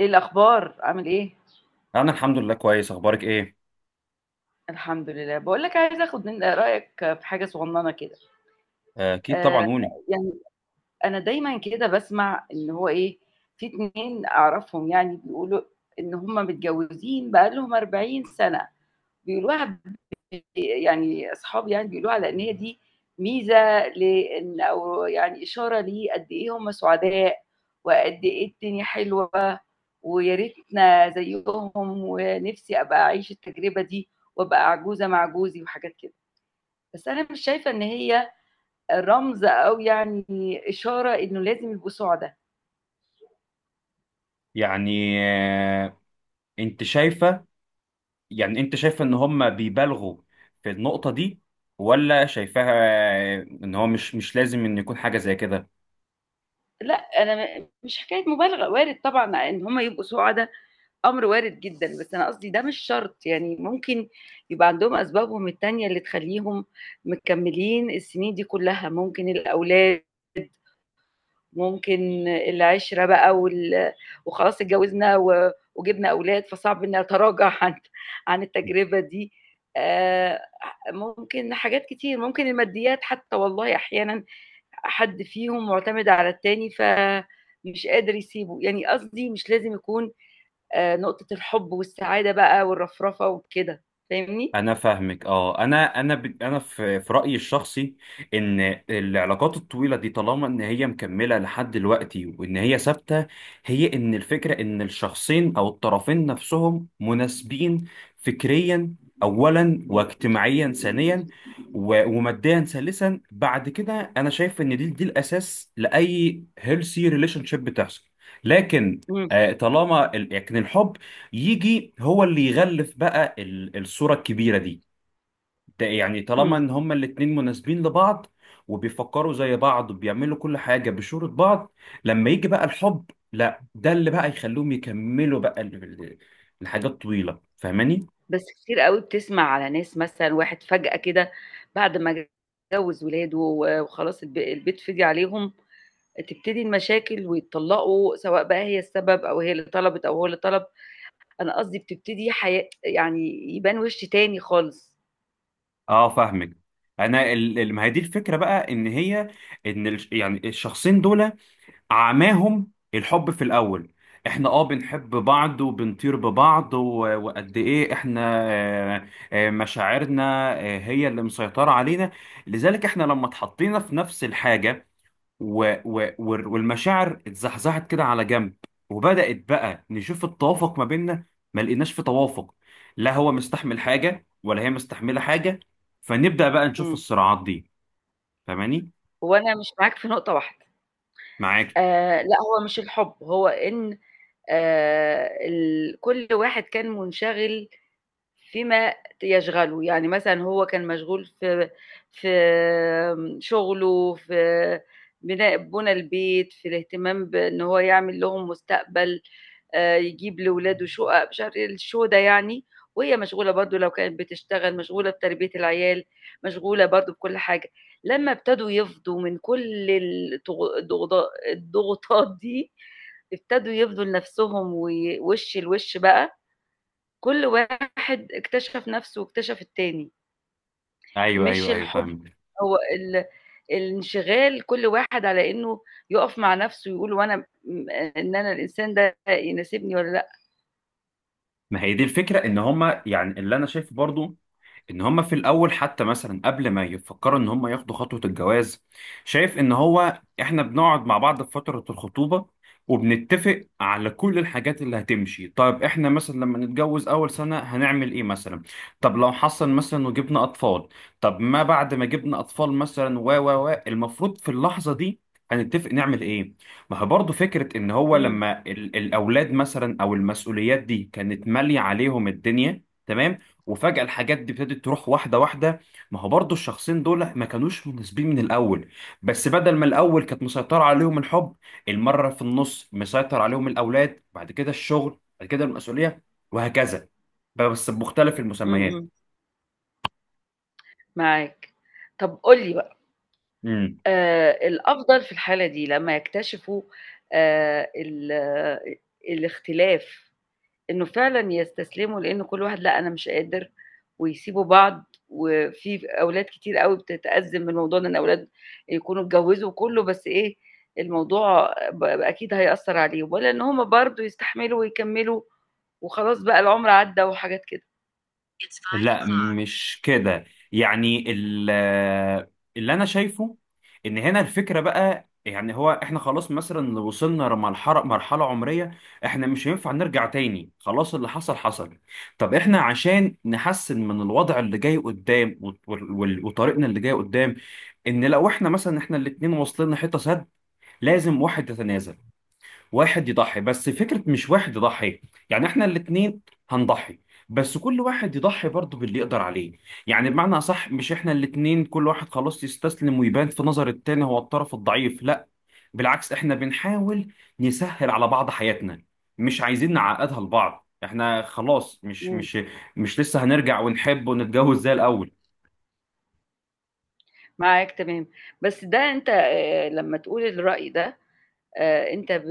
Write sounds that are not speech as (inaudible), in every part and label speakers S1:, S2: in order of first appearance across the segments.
S1: ايه الاخبار عامل ايه.
S2: انا الحمد لله كويس، اخبارك ايه؟
S1: الحمد لله. بقول لك عايزه اخد من رايك في حاجه صغننه كده.
S2: آه، اكيد طبعا
S1: آه
S2: قولي.
S1: يعني انا دايما كده بسمع ان هو ايه. في اتنين اعرفهم يعني بيقولوا ان هم متجوزين بقالهم 40 سنه بيقولوها. أصحابي بيقولوا على إن هي دي ميزة لإن أو يعني إشارة لقد إيه هم سعداء، وقد إيه الدنيا حلوة، ويا ريتنا زيهم، ونفسي أبقى أعيش التجربة دي، وأبقى عجوزة مع جوزي وحاجات كده. بس أنا مش شايفة إن هي رمز أو إشارة إنه لازم يبقوا سُعدا.
S2: يعني آه، انت شايفه؟ انت شايفه ان هم بيبالغوا في النقطه دي ولا شايفاها آه، ان هو مش لازم ان يكون حاجه زي كده؟
S1: لأ، أنا مش حكاية مبالغة، وارد طبعًا إن هم يبقوا سُعدا، أمر وارد جدًا، بس أنا قصدي ده مش شرط، يعني ممكن يبقى عندهم أسبابهم التانية اللي تخلّيهم مكمّلين السنين دي كلّها، ممكن الأولاد، ممكن العِشرة بقى وخلاص اتجوّزنا وجِبنا أولاد، فصعب إني أتراجع عن التجربة دي. آآ، ممكن حاجات كتير، ممكن الماديات حتى والله أحيانًا حد فيهم مُعتمد على التاني فمش قادر يسيبه، يعني قصدي مش لازم يكون نقطة الحُب والسعادة بقى والرفرفة وكده، فاهمني؟
S2: انا فاهمك، اه. انا في رايي الشخصي ان العلاقات الطويله دي طالما ان هي مكمله لحد دلوقتي وان هي ثابته، هي ان الفكره ان الشخصين او الطرفين نفسهم مناسبين فكريا اولا، واجتماعيا ثانيا، وماديا ثالثا. بعد كده انا شايف ان دي الاساس لاي هيلثي ريليشن شيب بتحصل. لكن
S1: إمم،
S2: لكن الحب يجي هو اللي يغلف بقى الصورة الكبيرة دي. ده يعني طالما
S1: إمم.
S2: ان هما الاتنين مناسبين لبعض، وبيفكروا زي بعض، وبيعملوا كل حاجة بشورة بعض، لما يجي بقى الحب لا، ده اللي بقى يخلوهم يكملوا بقى الحاجات طويلة. فاهماني؟
S1: بس كتير أوي بتسمع على ناس مثلًا واحد فجأة كده بعد ما جوّز ولاده وخلاص البيت فِضِي عليهم، تبتدي المشاكل ويتطلّقوا، سواء بقى هي السبب أو هي اللي طلبِت أو هو اللي طلب، أنا قصدي بتبتدي حياة يعني يبان وِش تاني خالص.
S2: اه فاهمك. انا ما هي دي الفكرة بقى ان هي ان يعني الشخصين دول عماهم الحب في الأول. احنا اه بنحب بعض وبنطير ببعض، وقد ايه احنا آه، آه، مشاعرنا آه، هي اللي مسيطرة علينا. لذلك احنا لما اتحطينا في نفس الحاجة والمشاعر اتزحزحت كده على جنب، وبدأت بقى نشوف التوافق ما بيننا، ما لقيناش في توافق، لا هو مستحمل حاجة ولا هي مستحملة حاجة، فنبدأ بقى نشوف
S1: إمم.
S2: الصراعات دي. فاهماني؟
S1: هو أنا مش معاك في نقطة واحدة.
S2: معاك.
S1: لأ، هو مش الحُب، هو إن ال كل واحد كان مُنشغِل فيما يشغله، يعني مثلًا هو كان مشغول في شغله، في بُنى البيت، في الاهتمام بإن هو يعمل لهم مستقبل، يجيب لولاده شُقق، مش عارف إيه الشو ده يعني، وهي مشغولة برضه لو كانت بتشتغل، مشغولة بتربية العيال، مشغولة برضه بكل حاجة. لمّا ابتدوا يفضوا من كل الضغوطات دي، ابتدوا يفضوا لنفسهم وي وِش لوِش بقى كل واحد اكتشف نَفْسه واكتشف التاني،
S2: ايوه
S1: مش
S2: ايوه ايوه
S1: الحُب،
S2: فاهم.
S1: هو الانشغال كل واحد على إنه يُقف مع نَفْسه ويقول هو أنا م إن أنا الإنسان ده يناسبني والّا لأ.
S2: ما هي دي الفكره ان هما يعني، اللي انا شايفه برضو ان هم في الاول حتى مثلا قبل ما يفكروا ان هم ياخدوا خطوة الجواز، شايف ان هو احنا بنقعد مع بعض في فترة الخطوبة وبنتفق على كل الحاجات اللي هتمشي. طيب احنا مثلا لما نتجوز اول سنة هنعمل ايه مثلا؟ طب لو حصل مثلا وجبنا اطفال، طب ما بعد ما جبنا اطفال مثلا و و و المفروض في اللحظة دي هنتفق نعمل ايه؟ ما هو برضه فكرة ان هو
S1: إمم،
S2: لما الاولاد مثلا او المسؤوليات دي كانت مالية عليهم الدنيا تمام، وفجأة الحاجات دي ابتدت تروح واحدة واحدة، ما هو برضو الشخصين دول ما كانوش مناسبين من الأول. بس بدل ما الأول كانت مسيطرة عليهم الحب، المرة في النص مسيطر عليهم الأولاد، بعد كده الشغل، بعد كده المسؤولية، وهكذا، بس بمختلف
S1: إمم،
S2: المسميات.
S1: إمم، معاك. طَب قُل لي بقى الأفضل في الحالة دي لمّا يكتشفوا ال الاختلاف، إنه فعلًا يستسلموا، لإن كل واحد لأ أنا مش قادر، ويسيبوا بعض، وفي أولاد كتير أوي بتتأزم من موضوع إن الأولاد يكونوا اتجوزوا وكله، بس إيه الموضوع أكيد هيأثّر عليهم، والّا إن هُم برضه يستحملوا ويكمّلوا وخلاص بقى العُمر عدّى وحاجات كده. It's 5:00.
S2: لا مش كده. يعني ال- اللي انا شايفه ان هنا الفكره بقى، يعني هو احنا خلاص مثلا وصلنا مرحله عمريه، احنا مش هينفع نرجع تاني، خلاص اللي حصل حصل. طب احنا عشان نحسن من الوضع اللي جاي قدام وطريقنا اللي جاي قدام، ان لو احنا مثلا احنا الاتنين واصلين لحته سد، لازم واحد يتنازل، واحد يضحي، بس فكرة مش واحد يضحي، يعني احنا الاتنين هنضحي، بس كل واحد يضحي برضه باللي يقدر عليه. يعني بمعنى أصح، مش احنا الاتنين كل واحد خلاص يستسلم ويبان في نظر التاني هو الطرف الضعيف، لا، بالعكس احنا بنحاول نسهل على بعض حياتنا، مش عايزين نعقدها لبعض. احنا خلاص مش
S1: إمم،
S2: مش مش لسه هنرجع ونحب ونتجوز زي الأول.
S1: معاك تمام، بس ده أنت لمّا تقول الرأي ده أنت ب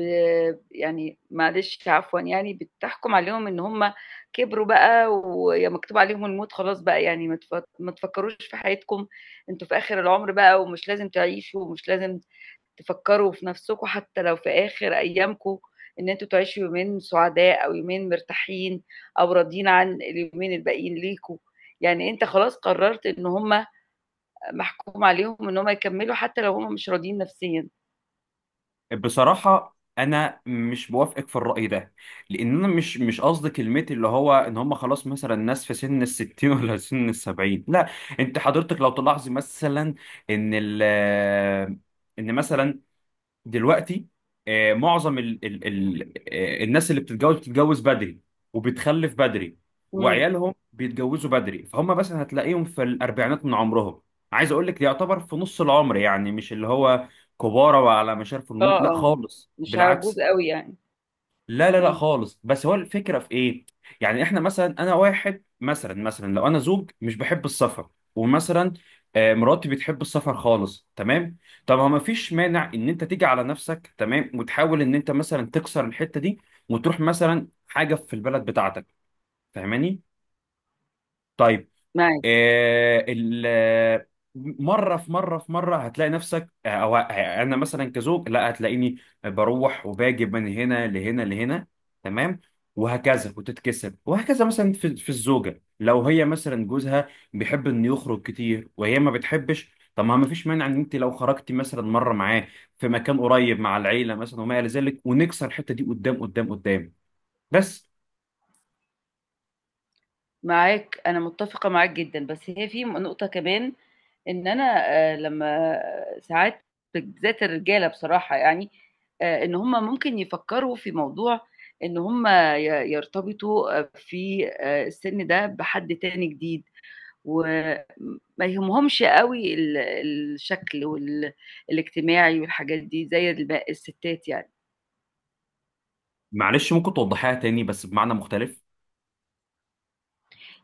S1: يعني معلش عفوًا يعني بتحكُم عليهم إن هم كبروا بقى ويا مكتوب عليهم الموت خلاص بقى يعني ما تفكّروش في حياتكم، أنتم في آخر العُمر بقى ومش لازم تعيشوا ومش لازم تفكّروا في نَفْسكم حتّى لو في آخر أيامكم إن أنتم تعيشوا يومين سُعداء أو يومين مرتاحين أو راضيين عن اليومين الباقيين ليكم، يعني أنت خلاص قرّرت إن هم محكوم عليهم إن هم يكمّلوا حتّى لو هم مش راضيين نَفْسيًا.
S2: بصراحة أنا مش بوافقك في الرأي ده، لأن أنا مش قصدي كلمة اللي هو إن هم خلاص مثلا ناس في سن الستين ولا (laughs) سن السبعين، لا. أنت حضرتك لو تلاحظي مثلا إن ال، إن مثلا دلوقتي آه، معظم ال ال ال آه، الناس اللي بتتجوز بتتجوز بدري، وبتخلف بدري،
S1: إمم.
S2: وعيالهم بيتجوزوا بدري، فهم مثلا هتلاقيهم في الاربعينات من عمرهم. عايز اقول لك يعتبر في نص العمر، يعني مش اللي هو كبارة وعلى مشارف الموت،
S1: آه،
S2: لا
S1: آه،
S2: خالص،
S1: مش هاعوز
S2: بالعكس.
S1: أوي يعني.
S2: لا لا لا
S1: إمم،
S2: خالص، بس هو الفكرة في ايه؟ يعني احنا مثلا، انا واحد مثلا لو انا زوج مش بحب السفر، ومثلا آه، مراتي بتحب السفر خالص، تمام؟ طب ما فيش مانع ان انت تيجي على نفسك، تمام، وتحاول ان انت مثلا تكسر الحتة دي، وتروح مثلا حاجة في البلد بتاعتك. فاهماني؟ طيب
S1: معاك.
S2: آه، ال آه، مره هتلاقي نفسك آه، او آه، انا مثلا كزوج لا، هتلاقيني بروح وباجي من هنا لهنا لهنا، تمام، وهكذا وتتكسب وهكذا. مثلا في الزوجه لو هي مثلا جوزها بيحب انه يخرج كتير وهي ما بتحبش، طب ما فيش مانع ان انت لو خرجتي مثلا مره معاه في مكان قريب مع العيله مثلا وما الى ذلك، ونكسر الحته دي قدام. بس
S1: معاك، أنا متّفقة معاك جدًا، بس هي في نقطة كمان إن أنا لمّا ساعات بالذات الرجالة بصراحة يعني، إن هُم ممكن يفكّروا في موضوع إن هُم ي يرتبطوا آه، في السن ده بحد تاني جديد، وما يهمهمش أوي الشكل الاجتماعي والحاجات دي زي الستات يعني.
S2: معلش ممكن توضحيها تاني بس بمعنى مختلف؟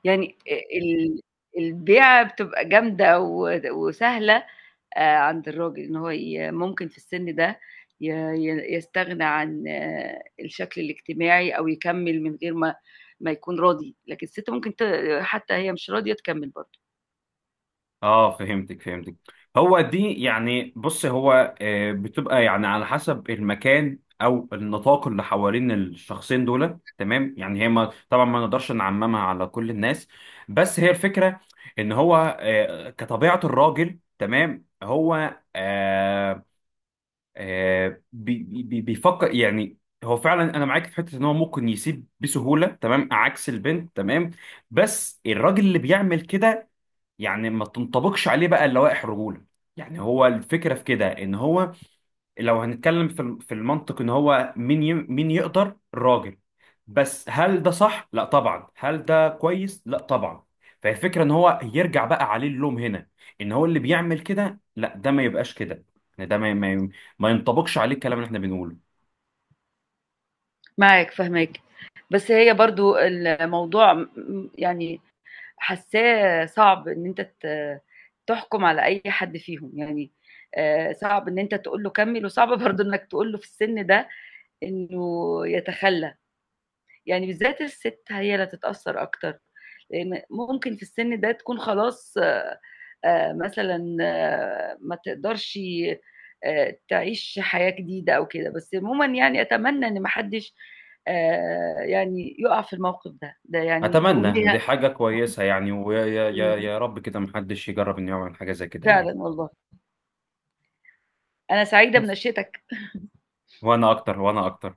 S1: يعني ال البيعة بتبقى جامدة وسهلة عند الراجل، إن هو ممكن في السن ده ي ي يستغنى عن آه، الشكل الاجتماعي أو يكمّل من غير ما يكون راضي، لكن الست ممكن حتى هي مش راضية تكمّل برضه.
S2: اه فهمتك فهمتك. هو دي يعني، بص، هو آه، بتبقى يعني على حسب المكان او النطاق اللي حوالين الشخصين دول، تمام؟ يعني هي ما طبعا ما نقدرش نعممها على كل الناس، بس هي الفكرة ان هو آه، كطبيعة الراجل، تمام، هو آه، آه، بيفكر يعني. هو فعلا انا معاك في حته ان هو ممكن يسيب بسهوله، تمام، عكس البنت، تمام. بس الراجل اللي بيعمل كده يعني ما تنطبقش عليه بقى اللوائح الرجوله. يعني هو الفكره في كده ان هو لو هنتكلم في في المنطق ان هو مين مين يقدر الراجل؟ بس هل ده صح؟ لا طبعا. هل ده كويس؟ لا طبعا. فالفكره ان هو يرجع بقى عليه اللوم هنا ان هو اللي بيعمل كده، لا، ده ما يبقاش كده، يعني ده ما ينطبقش عليه الكلام اللي احنا بنقوله.
S1: معاك، فاهماك. بس هي برضه الموضوع م م يعني حاسّاه صعب إن أنت تحكُم على أي حد فيهم، يعني صعب إن أنت تقول له كمّل وصعب (laughs) برضه إنّك تقول له في السن ده إنه يتخلّى، يعني بالذات الست هي اللي هتتأثّر أكتر، لإن ممكن في السِن ده تكون خلاص مثلًا آه، ما تقدرش تعيش حياة جديدة أو كده، بس عمومًا يعني أتمنى إن ما حدّش يُقع في الموقف ده، ده يعني دي
S2: اتمنى،
S1: أمنية.
S2: دي حاجه كويسه يعني، ويا يا يا
S1: إمم،
S2: يا رب كده محدش يجرب انه يعمل حاجه زي كده يعني.
S1: فعلًا والله، أنا سعيدة
S2: بس،
S1: بنشرتك.
S2: وانا اكتر، وانا اكتر.